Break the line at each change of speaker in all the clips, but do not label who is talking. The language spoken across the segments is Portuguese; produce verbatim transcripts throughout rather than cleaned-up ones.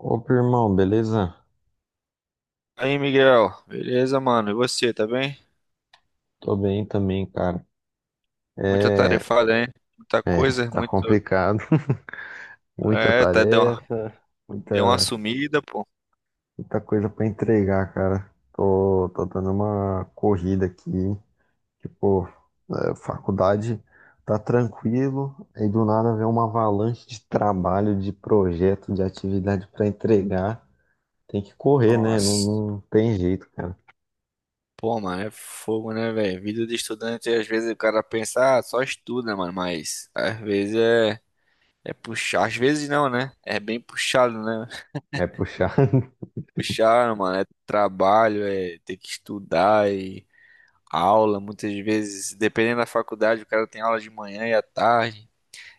Opa, irmão, beleza?
Aí, Miguel, beleza, mano? E você, tá bem?
Tô bem também, cara.
Muita
É,
tarefada, hein? Muita
é,
coisa,
tá
muito.
complicado. Muita
É, tá, deu uma,
tarefa,
deu uma
muita,
sumida, pô.
muita coisa pra entregar, cara. Tô, tô dando uma corrida aqui. Tipo, é, faculdade tá tranquilo, aí do nada vem uma avalanche de trabalho, de projeto, de atividade pra entregar. Tem que correr, né? Não,
Nossa.
não tem jeito, cara.
Pô, mano, é fogo, né, velho? Vida de estudante, às vezes o cara pensa, ah, só estuda, mano, mas às vezes é, é puxar, às vezes não, né? É bem puxado, né?
É puxar.
Puxado, mano, é trabalho, é ter que estudar e aula, muitas vezes, dependendo da faculdade, o cara tem aula de manhã e à tarde.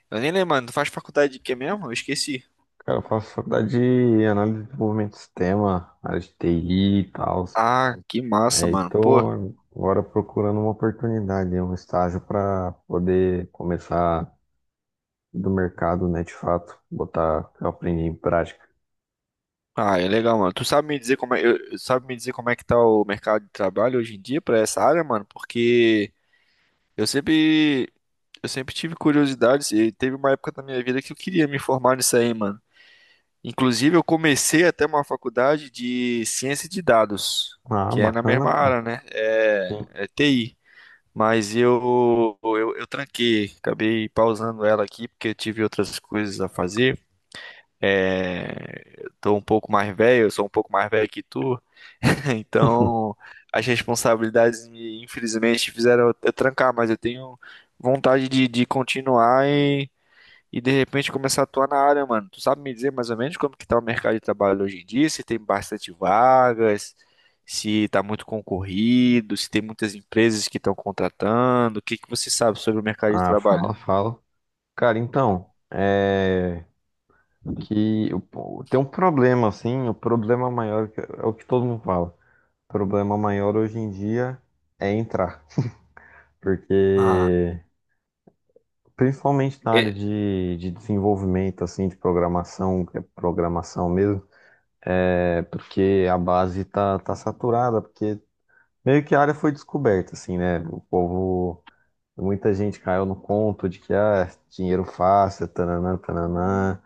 Eu nem lembro, mano, tu faz faculdade de quê mesmo? Eu esqueci.
Cara, eu faço faculdade de análise de desenvolvimento de sistema, área de T I e tal.
Ah, que massa,
Aí
mano. Pô,
tô agora procurando uma oportunidade, um estágio para poder começar do mercado, né, de fato, botar o que eu aprendi em prática.
ah, é legal, mano. Tu sabe me dizer como é, eu- sabe me dizer como é que tá o mercado de trabalho hoje em dia pra essa área, mano? Porque eu sempre, eu sempre tive curiosidade e teve uma época da minha vida que eu queria me formar nisso aí, mano. Inclusive, eu comecei até uma faculdade de ciência de dados,
Ah,
que é na mesma
bacana, pô.
área, né? É,
Sim.
é T I. Mas eu, eu, eu tranquei, acabei pausando ela aqui porque eu tive outras coisas a fazer. É, tô um pouco mais velho, eu sou um pouco mais velho que tu, então as responsabilidades me, infelizmente, fizeram eu eu trancar, mas eu tenho vontade de, de continuar e, e de repente começar a atuar na área, mano. Tu sabe me dizer mais ou menos como que tá o mercado de trabalho hoje em dia, se tem bastante vagas, se tá muito concorrido, se tem muitas empresas que estão contratando, o que que você sabe sobre o mercado de
Ah,
trabalho?
fala, fala. Cara, então, é que eu- pô, tem um problema, assim, o problema maior que- é o que todo mundo fala. O problema maior hoje em dia é entrar,
Ah,
porque principalmente na área de, de desenvolvimento, assim, de programação, que é programação mesmo, é porque a base tá, tá saturada, porque meio que a área foi descoberta, assim, né? O povo, muita gente caiu no conto de que, ah, dinheiro fácil, tananã, tananã,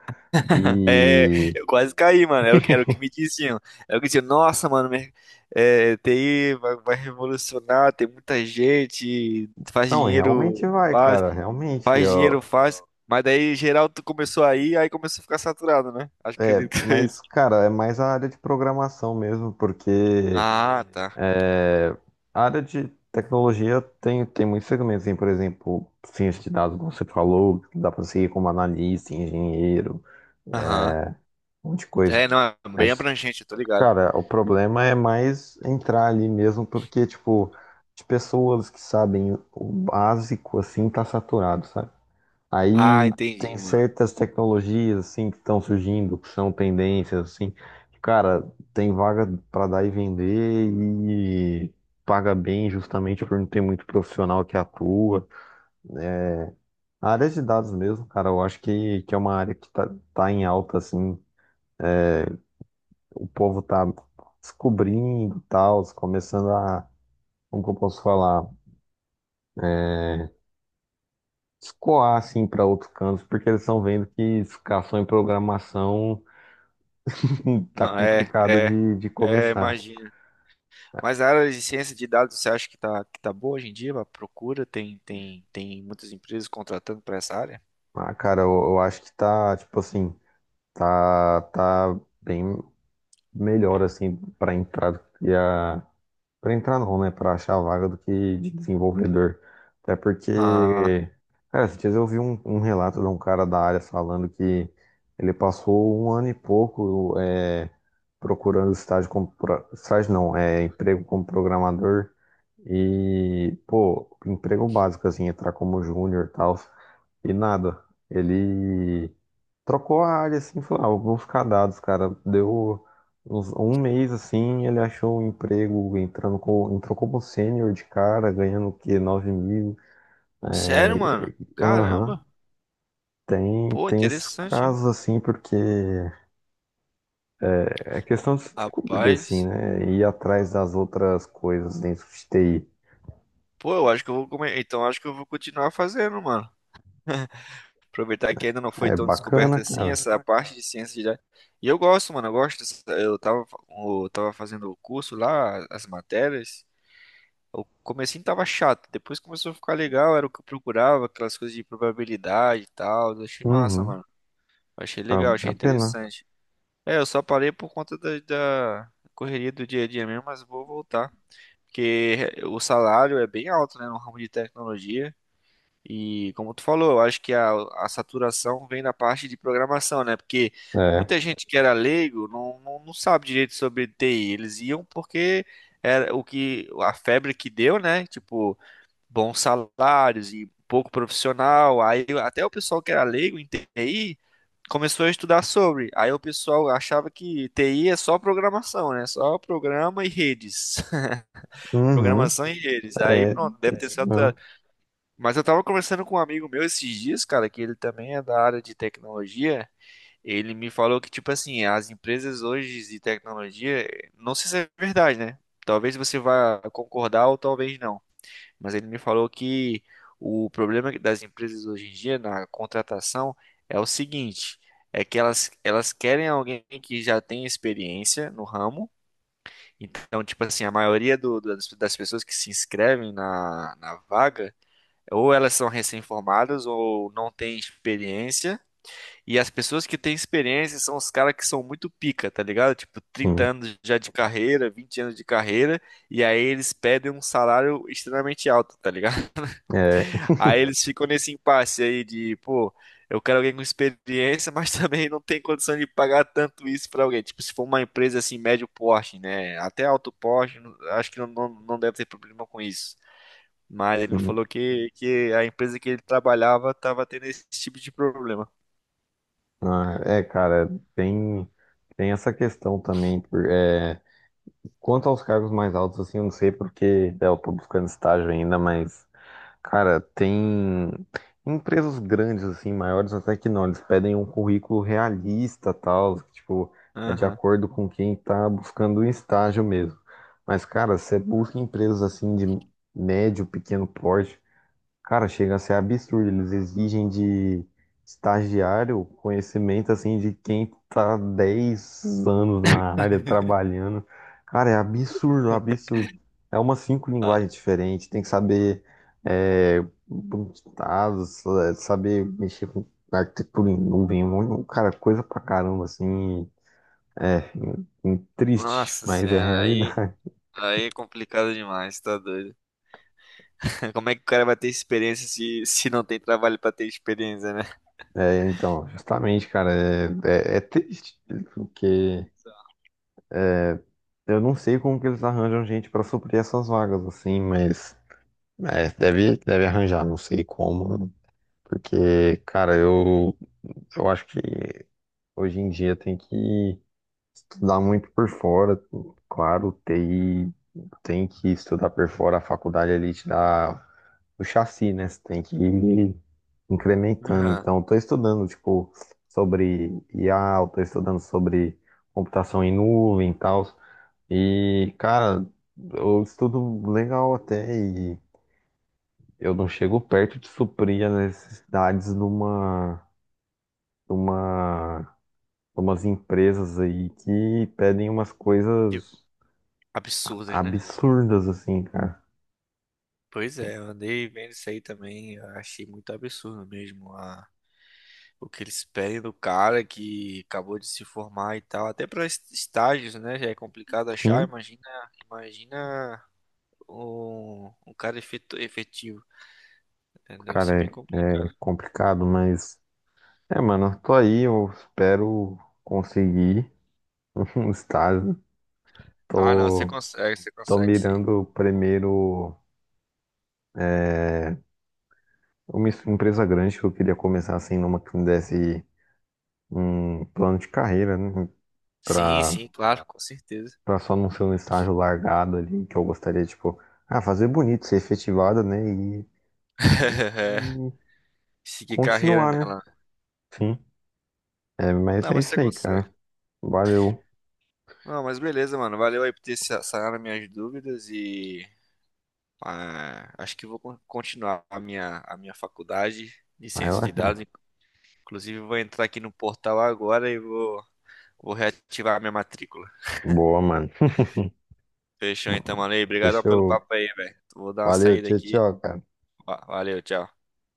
é,
e.
eu quase caí, mano. Era o que, era o que me diziam. Era o que diziam, nossa, mano, mer- é, T I vai, vai revolucionar, tem muita gente, faz
Não, e realmente
dinheiro
vai,
fácil,
cara, realmente,
faz dinheiro
ó,
fácil. Mas daí, geral, tu começou aí, aí começou a ficar saturado, né? Acho que
é,
acredito que é
mas,
isso.
cara, é mais a área de programação mesmo, porque.
Ah, tá.
É, a área de tecnologia tem, tem muitos segmentos, assim, por exemplo, ciência de dados, como você falou, dá para seguir como analista, engenheiro,
Aham.
um monte de coisa.
É, não, é bem
Mas,
abrangente, eu tô ligado.
cara, o problema é mais entrar ali mesmo, porque, tipo, de pessoas que sabem o básico, assim, tá saturado, sabe?
Ah,
Aí
entendi,
tem
mano.
certas tecnologias assim que estão surgindo, que são tendências assim, que, cara, tem vaga para dar e vender e paga bem justamente por não ter muito profissional que atua. A área de dados mesmo, cara, eu acho que, que é uma área que tá, tá em alta assim, o povo tá descobrindo e tal, começando a, como que eu posso falar, é, escoar assim para outros cantos, porque eles estão vendo que ficar só em programação. Hum, Tá
Não, é,
complicado
é,
de, de
é,
começar.
imagina. Mas a área de ciência de dados, você acha que tá, que tá boa hoje em dia? A procura tem, tem, tem muitas empresas contratando para essa área?
Ah, cara, eu, eu acho que tá, tipo assim, tá, tá bem melhor, assim, pra entrar do que a. Pra entrar não, né? Pra achar a vaga do que de desenvolvedor. Até
Ah,
porque, cara, esses dias eu vi um, um relato de um cara da área falando que ele passou um ano e pouco é, procurando estágio como. pro- Estágio não, é emprego como programador. E, pô, emprego básico, assim, entrar como júnior e tal, e nada. Ele trocou a área, assim, falou, ah, eu vou ficar dados, cara. Deu uns, um mês, assim, ele achou um emprego, entrando com, entrou como sênior de cara, ganhando o quê? 9 mil.
sério, mano?
É, aham.
Caramba.
Tem,
Pô,
tem esses
interessante, hein?
casos, assim, porque é questão de se descobrir, assim,
Rapaz.
né? Ir atrás das outras coisas dentro de T I.
Pô, eu acho que eu vou comer. Então, acho que eu vou continuar fazendo, mano. Aproveitar que ainda não foi
É
tão
bacana,
descoberta assim
cara.
essa parte de ciência de dados. E eu gosto, mano. Eu gosto dessa- eu tava, fa- eu tava fazendo o curso lá, as matérias. O comecinho tava chato, depois começou a ficar legal, era o que eu procurava, aquelas coisas de probabilidade e tal. Eu achei massa,
Uhum.
mano. Achei
Ah,
legal,
é
achei
a pena.
interessante. É, eu só parei por conta da, da correria do dia a dia mesmo, mas vou voltar. Porque o salário é bem alto, né, no ramo de tecnologia. E como tu falou, eu acho que a, a saturação vem da parte de programação, né? Porque
É.
muita gente que era leigo não, não, não sabe direito sobre T I. Eles iam porque era o que a febre que deu, né? Tipo, bons salários e pouco profissional. Aí até o pessoal que era leigo em T I começou a estudar sobre. Aí o pessoal achava que T I é só programação, né? Só programa e redes.
Uhum.
Programação e redes. Aí
É, é
pronto, deve ter. É,
isso
certa.
mesmo.
Mas eu tava conversando com um amigo meu esses dias, cara, que ele também é da área de tecnologia. Ele me falou que, tipo assim, as empresas hoje de tecnologia, não sei se é verdade, né? Talvez você vá concordar ou talvez não. Mas ele me falou que o problema das empresas hoje em dia na contratação é o seguinte, é que elas, elas querem alguém que já tenha experiência no ramo. Então, tipo assim, a maioria do- das, das pessoas que se inscrevem na, na vaga, ou elas são recém-formadas ou não têm experiência. E as pessoas que têm experiência são os caras que são muito pica, tá ligado? Tipo, trinta
Sim.
anos já de carreira, vinte anos de carreira, e aí eles pedem um salário extremamente alto, tá ligado?
É.
Aí eles ficam nesse impasse aí de, pô, eu quero alguém com experiência, mas também não tem condição de pagar tanto isso pra alguém. Tipo, se for uma empresa assim, médio porte, né? Até alto porte, não- acho que não, não, não deve ter problema com isso. Mas ele me
Sim.
falou que, que a empresa que ele trabalhava tava tendo esse tipo de problema.
Ah, é, cara, tem, tem essa questão também. Por, é, quanto aos cargos mais altos, assim, eu não sei porque é, eu tô buscando estágio ainda, mas. Cara, tem empresas grandes, assim, maiores até que não. Eles pedem um currículo realista, tal, que, tipo, é de
Aham.
acordo com quem tá buscando um estágio mesmo. Mas, cara, você busca empresas assim de médio, pequeno porte. Cara, chega a ser absurdo. Eles exigem de estagiário conhecimento assim de quem tá dez anos na área trabalhando. Cara, é absurdo, absurdo. É umas cinco
Ah,
linguagens diferentes. Tem que saber é, dados, é, saber mexer com arquitetura em nuvem, um monte- cara, coisa pra caramba, assim. É, em- em- triste,
nossa
mas é a
senhora, aí,
realidade.
aí é complicado demais, tá doido. Como é que o cara vai ter experiência se, se não tem trabalho pra ter experiência, né?
É, então, justamente, cara, é, é é triste. Porque. Eu não sei como que eles arranjam gente pra suprir essas vagas, assim, mas é, deve, deve arranjar, não sei como. Porque, cara, eu, eu acho que hoje em dia tem que estudar muito por fora. Claro, T I tem que estudar por fora, a faculdade ali te dá o chassi, né? Você tem que ir incrementando.
Aham.
Então, estou estudando, tipo, sobre I A, estou estudando sobre computação em nuvem e tal. E, cara, eu estudo legal até e eu não chego perto de suprir as necessidades de uma, de uma, de umas empresas aí que pedem umas
Que
coisas
absurdas, né?
absurdas, assim, cara.
Pois é, eu andei vendo isso aí também, eu achei muito absurdo mesmo a, o que eles pedem do cara que acabou de se formar e tal, até para estágios, né, já é complicado achar,
Sim,
imagina, imagina um, um cara efetu- efetivo, né, deve ser
cara,
bem
é, é
complicado.
complicado, mas. É, mano, eu tô aí, eu espero conseguir um estágio.
Ah, não, você
Tô,
consegue, você
tô
consegue sim.
mirando primeiro é, uma es- empresa grande que eu queria começar assim, numa que me desse um plano de carreira, né?
Sim,
Pra,
sim, claro, com certeza.
pra só não ser um estágio largado ali, que eu gostaria, tipo, ah, fazer bonito, ser efetivado, né? E, e
Seguir carreira
continuar, né?
nela, né.
Sim. É, mas
Não,
é
mas você
isso aí,
consegue.
cara. Valeu.
Não, mas beleza, mano, valeu aí por ter sa- sanado minhas dúvidas e ah, acho que vou con- continuar a minha, a minha faculdade de
Vai
ciência
lá,
de
cara.
dados. Inclusive, vou entrar aqui no portal agora e vou, vou reativar a minha matrícula.
Boa, mano.
Fechou então, mano. E obrigadão pelo
Fechou.
papo aí, velho. Vou dar uma
Valeu,
saída
tchau,
aqui.
tchau, cara.
Va- Valeu, tchau.